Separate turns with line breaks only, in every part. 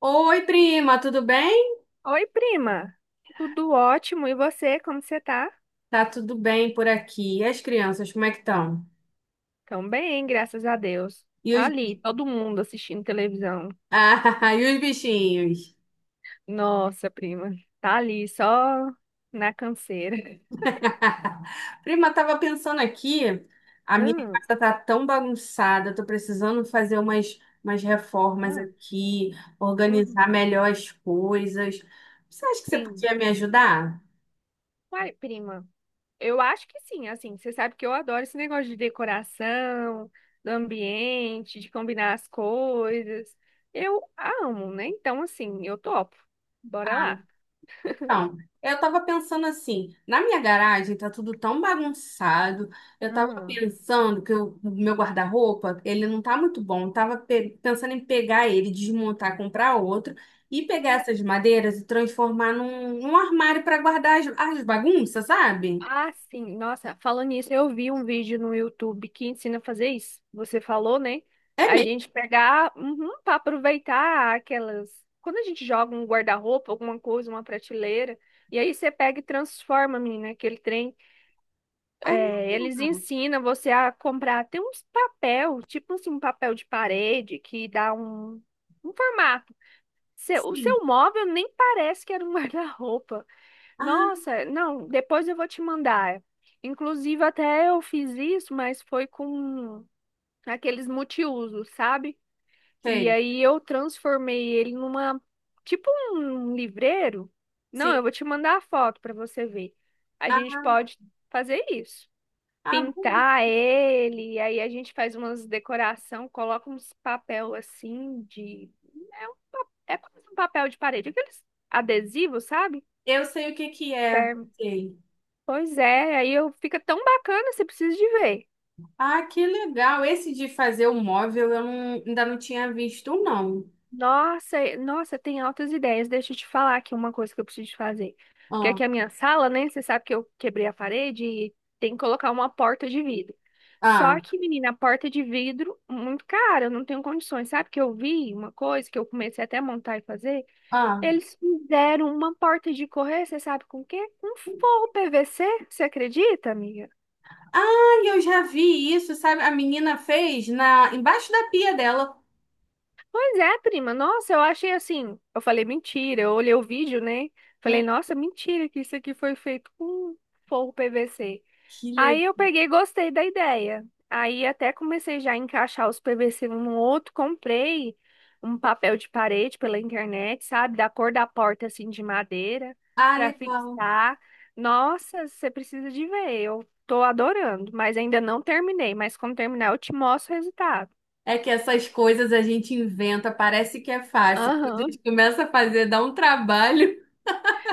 Oi, prima, tudo bem?
Oi, prima. Tudo ótimo. E você, como você tá?
Tá tudo bem por aqui. E as crianças, como é que estão?
Tão bem, graças a Deus.
E
Tá
os...
ali, todo mundo assistindo televisão.
Ah, e os bichinhos?
Nossa, prima. Tá ali, só na canseira.
Prima, tava pensando aqui, a minha
Ah,
casa tá tão bagunçada, tô precisando fazer umas reformas
ah,
aqui, organizar
uhum,
melhor as coisas. Você acha que você
sim.
podia me ajudar?
Uai, prima. Eu acho que sim, assim, você sabe que eu adoro esse negócio de decoração, do ambiente, de combinar as coisas. Eu amo, né? Então, assim, eu topo. Bora
Ah,
lá.
então, eu tava pensando assim, na minha garagem tá tudo tão bagunçado. Eu tava pensando que o meu guarda-roupa, ele não tá muito bom. Eu tava pensando em pegar ele, desmontar, comprar outro e pegar
Ah.
essas madeiras e transformar num armário para guardar as, as bagunças, sabe?
Ah, sim. Nossa, falando nisso, eu vi um vídeo no YouTube que ensina a fazer isso. Você falou, né?
É
A
mesmo?
gente pegar, uhum, para aproveitar aquelas. Quando a gente joga um guarda-roupa, alguma coisa, uma prateleira, e aí você pega e transforma, menina, aquele trem.
Ah,
É, eles ensinam você a comprar. Tem uns papel, tipo assim, um papel de parede que dá um formato. O
sim.
seu móvel nem parece que era um guarda-roupa.
Ah,
Nossa, não, depois eu vou te mandar. Inclusive, até eu fiz isso, mas foi com aqueles multiusos, sabe? E
sei.
aí eu transformei ele numa, tipo um livreiro. Não, eu
Sim.
vou te mandar a foto para você ver. A
Ah,
gente pode fazer isso.
ah, bom.
Pintar ele, e aí a gente faz umas decoração, coloca uns papel assim de é um, é quase um papel de parede, aqueles adesivos, sabe?
Eu sei o que que é. Sei.
Pois é, aí eu fica tão bacana, você precisa de ver.
Ah, que legal. Esse de fazer o móvel eu ainda não tinha visto, não.
Nossa, nossa, tem altas ideias. Deixa eu te falar aqui uma coisa que eu preciso de fazer. Porque
Ah,
aqui a minha sala, né? Você sabe que eu quebrei a parede e tem que colocar uma porta de vidro. Só
ah,
que, menina, a porta de vidro, muito cara, eu não tenho condições. Sabe que eu vi uma coisa que eu comecei até a montar e fazer?
ah.
Eles fizeram uma porta de correr, você sabe com o quê? Com forro PVC, você acredita, amiga?
Ah, eu já vi isso, sabe? A menina fez na embaixo da pia dela.
Pois é, prima. Nossa, eu achei assim. Eu falei, mentira. Eu olhei o vídeo, né? Falei,
Hum,
nossa, mentira, que isso aqui foi feito com forro PVC.
que legal.
Aí eu peguei e gostei da ideia. Aí até comecei já a encaixar os PVC um no outro. Comprei um papel de parede pela internet, sabe? Da cor da porta, assim, de madeira,
Ah,
pra
legal.
fixar. Nossa, você precisa de ver. Eu tô adorando, mas ainda não terminei. Mas quando terminar, eu te mostro o resultado.
É que essas coisas a gente inventa, parece que é fácil. Quando a
Aham.
gente começa a fazer, dá um trabalho,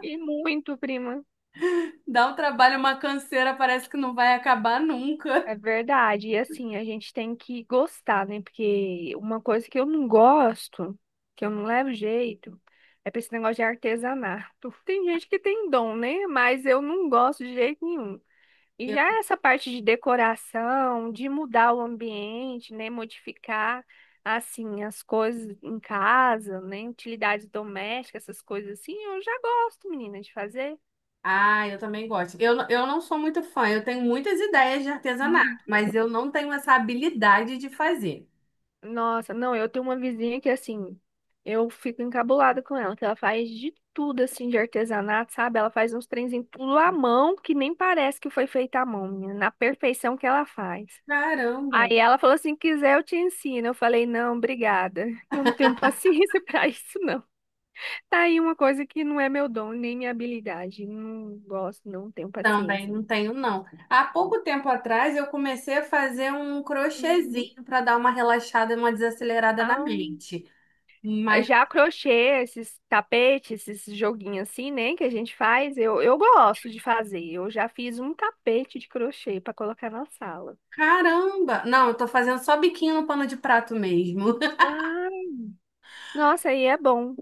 E muito, prima.
dá um trabalho, uma canseira, parece que não vai acabar nunca.
É verdade. E assim, a gente tem que gostar, né? Porque uma coisa que eu não gosto, que eu não levo jeito, é pra esse negócio de artesanato. Tem gente que tem dom, né? Mas eu não gosto de jeito nenhum. E já essa parte de decoração, de mudar o ambiente, né? Modificar, assim, as coisas em casa, né? Utilidades domésticas, essas coisas assim, eu já gosto, menina, de fazer.
Ah, eu também gosto. Eu não sou muito fã, eu tenho muitas ideias de artesanato, mas eu não tenho essa habilidade de fazer.
Nossa, não, eu tenho uma vizinha que assim, eu fico encabulada com ela, que ela faz de tudo assim de artesanato, sabe? Ela faz uns trenzinhos tudo à mão, que nem parece que foi feito à mão, menina, na perfeição que ela faz.
Caramba!
Aí ela falou assim, quiser eu te ensino. Eu falei, não, obrigada. Eu não tenho paciência pra isso, não. Tá aí uma coisa que não é meu dom, nem minha habilidade. Não gosto, não tenho
Também
paciência.
não tenho, não. Há pouco tempo atrás eu comecei a fazer um
Uhum.
crochêzinho para dar uma relaxada, e uma desacelerada na mente. Mas
Já crochê, esses tapetes, esses joguinhos assim, né, que a gente faz, eu gosto de fazer. Eu já fiz um tapete de crochê para colocar na sala.
caramba! Não, eu tô fazendo só biquinho no pano de prato mesmo.
Ah, nossa, aí é bom.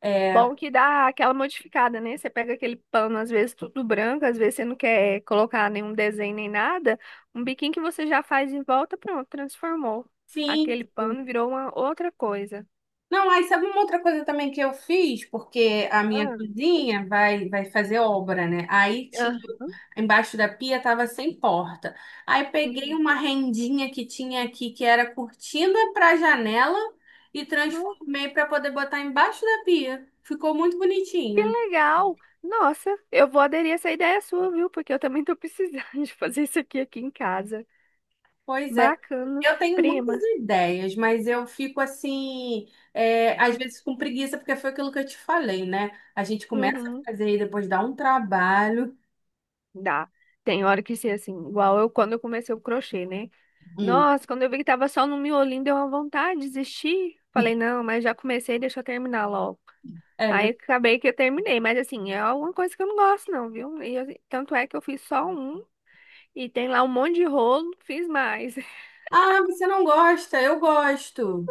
É,
Bom que dá aquela modificada, né? Você pega aquele pano, às vezes tudo branco, às vezes você não quer colocar nenhum desenho nem nada. Um biquinho que você já faz em volta, pronto, transformou. Aquele
sim.
pano virou uma outra coisa.
Não, aí sabe uma outra coisa também que eu fiz, porque a minha
Ah,
cozinha vai fazer obra, né? Aí tinha,
ah.
embaixo da pia tava sem porta. Aí peguei
Uhum.
uma rendinha que tinha aqui, que era cortina para janela, e transformei para poder botar embaixo da pia. Ficou muito
Que
bonitinho.
legal! Nossa, eu vou aderir a essa ideia sua, viu? Porque eu também tô precisando de fazer isso aqui em casa.
Pois é.
Bacana.
Eu tenho muitas
Prima.
ideias, mas eu fico assim, é, às
Ah,
vezes com preguiça, porque foi aquilo que eu te falei, né? A gente começa a
uhum.
fazer e depois dá um trabalho.
Dá. Tem hora que ser assim, igual eu quando eu comecei o crochê, né?
Hum.
Nossa, quando eu vi que tava só no miolinho, deu uma vontade de desistir. Falei, não, mas já comecei, deixa eu terminar logo.
É
Aí
ver-
acabei que eu terminei, mas assim, é alguma coisa que eu não gosto, não, viu? E tanto é que eu fiz só um e tem lá um monte de rolo, fiz mais.
Ah, você não gosta? Eu gosto.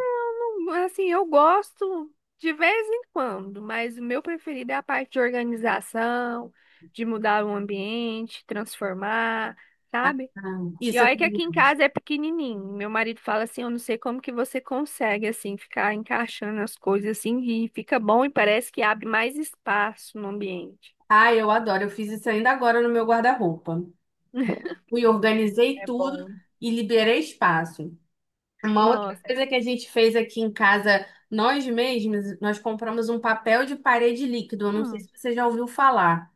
Assim, eu gosto de vez em quando, mas o meu preferido é a parte de organização, de mudar o ambiente, transformar, sabe?
Ah,
E
isso, eu
olha que
também
aqui em
gosto.
casa é pequenininho. Meu marido fala assim, eu não sei como que você consegue assim ficar encaixando as coisas assim e fica bom e parece que abre mais espaço no ambiente.
Ah, eu adoro. Eu fiz isso ainda agora no meu guarda-roupa. Fui, organizei
É
tudo
bom.
e liberei espaço. Uma outra
Nossa, é
coisa que a gente fez aqui em casa, nós mesmos, nós compramos um papel de parede líquido. Eu não sei
bom
se você já ouviu falar.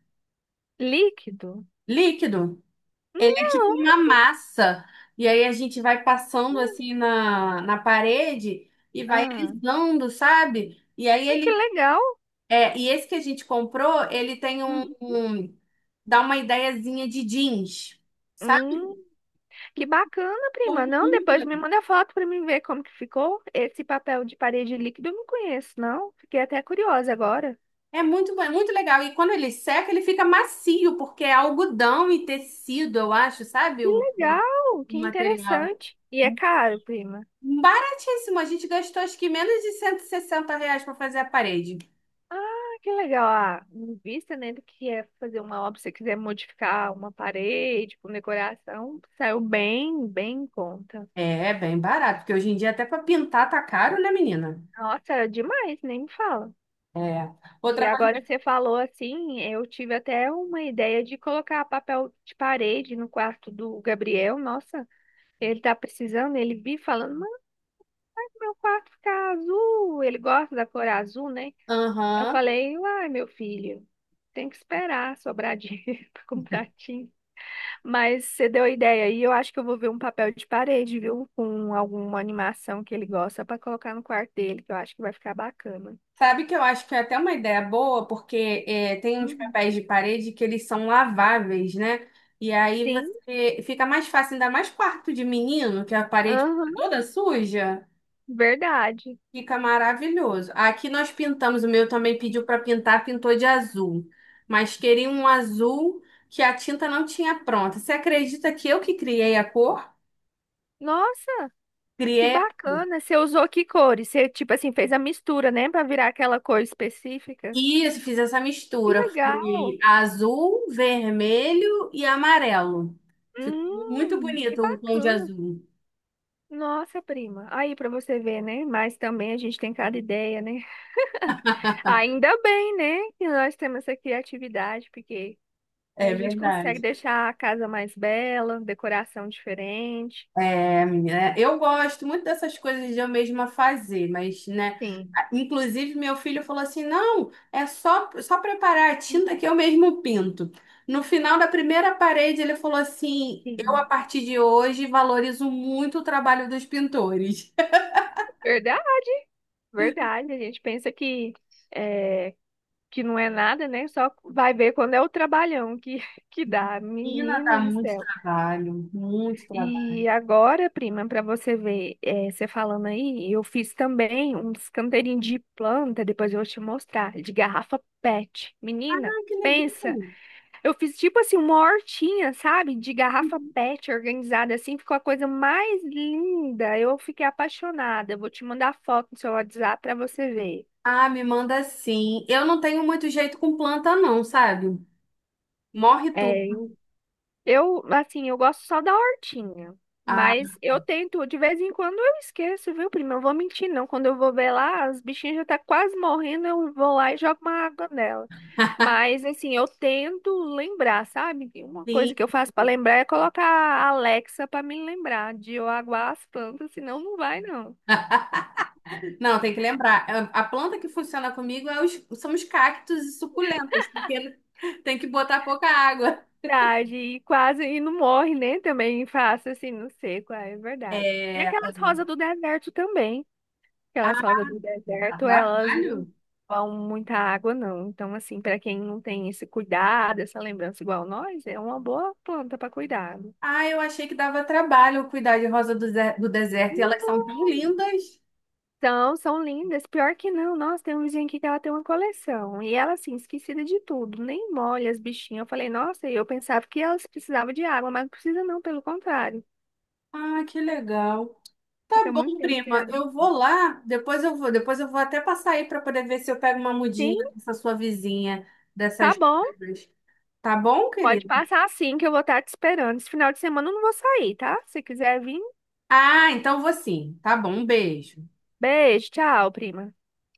líquido?
Líquido? Ele é tipo
Não.
uma massa. E aí a gente vai passando assim na parede e vai
Ah,
alisando, sabe? E aí
ah, que
ele
legal.
é, e esse que a gente comprou, ele tem dá uma ideiazinha de jeans, sabe?
Hum. Que bacana,
Ficou
prima. Não,
muito
depois
le-
me manda foto pra mim ver como que ficou. Esse papel de parede líquido eu não conheço, não. Fiquei até curiosa agora.
É muito, bom, é muito legal. E quando ele seca, ele fica macio, porque é algodão e tecido, eu acho, sabe?
Que legal,
O
que
material.
interessante. E é caro, prima.
Baratíssimo. A gente gastou acho que menos de R$ 160 para fazer a parede.
Ah, que legal. Ah, em vista, né, do que é fazer uma obra, se você quiser modificar uma parede com decoração, saiu bem, bem em conta.
É, é bem barato, porque hoje em dia até para pintar tá caro, né, menina?
Nossa, é demais, nem me fala.
É.
E
Outra coisa.
agora você falou assim, eu tive até uma ideia de colocar papel de parede no quarto do Gabriel. Nossa. Ele tá precisando, ele vi falando, mãe, meu quarto fica azul, ele gosta da cor azul, né? Eu
Aham.
falei, uai, meu filho, tem que esperar sobrar dinheiro pra comprar tinta. Mas você deu a ideia aí, eu acho que eu vou ver um papel de parede, viu? Com alguma animação que ele gosta pra colocar no quarto dele, que eu acho que vai ficar bacana.
Sabe que eu acho que é até uma ideia boa, porque é, tem uns
Uhum.
papéis de parede que eles são laváveis, né? E aí
Sim,
você fica mais fácil, ainda mais quarto de menino, que a parede
aham,
fica toda suja,
verdade.
fica maravilhoso. Aqui nós pintamos, o meu também pediu para pintar, pintou de azul, mas queria um azul que a tinta não tinha pronta. Você acredita que eu que criei a cor?
Nossa, que
Criei.
bacana. Você usou que cores? Você, tipo assim, fez a mistura, né, pra virar aquela cor específica?
Isso, fiz essa
Que
mistura. Fui
legal.
azul, vermelho e amarelo. Ficou muito
Que
bonito o tom de
bacana.
azul.
Nossa, prima. Aí para você ver, né? Mas também a gente tem cada ideia, né? Ainda bem, né? Que nós temos essa criatividade, porque
É
a gente consegue
verdade.
deixar a casa mais bela, decoração diferente.
É, menina, eu gosto muito dessas coisas de eu mesma fazer, mas, né?
Sim.
Inclusive, meu filho falou assim: não, é só preparar a tinta que eu mesmo pinto. No final da primeira parede, ele falou assim: eu, a
Sim.
partir de hoje, valorizo muito o trabalho dos pintores.
Verdade, verdade. A gente pensa que é, que não é nada, né? Só vai ver quando é o trabalhão que que dá.
Menina, dá
Menina do
muito
céu.
trabalho, muito trabalho.
E agora, prima, para você ver, você falando aí, eu fiz também uns canteirinhos de planta, depois eu vou te mostrar, de garrafa PET. Menina,
Que
pensa,
legal.
eu fiz tipo assim uma hortinha, sabe? De garrafa PET organizada assim, ficou a coisa mais linda. Eu fiquei apaixonada. Eu vou te mandar foto no seu WhatsApp para você ver.
Ah, me manda sim. Eu não tenho muito jeito com planta, não, sabe? Morre tu.
É, eu, assim, eu gosto só da hortinha.
Ah,
Mas eu tento, de vez em quando eu esqueço, viu, prima? Eu vou mentir, não. Quando eu vou ver lá, as bichinhas já tá quase morrendo, eu vou lá e jogo uma água nela. Mas, assim, eu tento lembrar, sabe? Uma coisa
sim.
que eu faço pra lembrar é colocar a Alexa pra me lembrar de eu aguar as plantas, senão não vai, não.
Não, tem que lembrar. A planta que funciona comigo é são os cactos e suculentas, porque tem que botar pouca água.
Verdade, e quase, e não morre, né? Também faço assim, não sei qual é, é verdade. Tem
É... Ah,
aquelas rosas do deserto também. Aquelas
ah,
rosas do
dá
deserto, elas não
trabalho?
vão muita água, não. Então, assim, para quem não tem esse cuidado, essa lembrança igual nós, é uma boa planta para cuidado.
Ah, eu achei que dava trabalho cuidar de rosa do deserto e elas são tão lindas.
Então, são lindas. Pior que não, nossa, tem um vizinho aqui que ela tem uma coleção. E ela, assim, esquecida de tudo, nem molha as bichinhas. Eu falei, nossa, eu pensava que elas precisavam de água, mas não precisa não, pelo contrário.
Ah, que legal. Tá
Fica muito
bom,
tempo sem
prima.
água.
Eu vou lá, depois eu vou até passar aí para poder ver se eu pego uma
Sim,
mudinha dessa sua vizinha,
tá
dessas.
bom.
Tá bom,
Pode
querido?
passar assim que eu vou estar te esperando. Esse final de semana eu não vou sair, tá? Se quiser vir,
Ah, então vou sim. Tá bom, um beijo.
beijo, tchau, prima.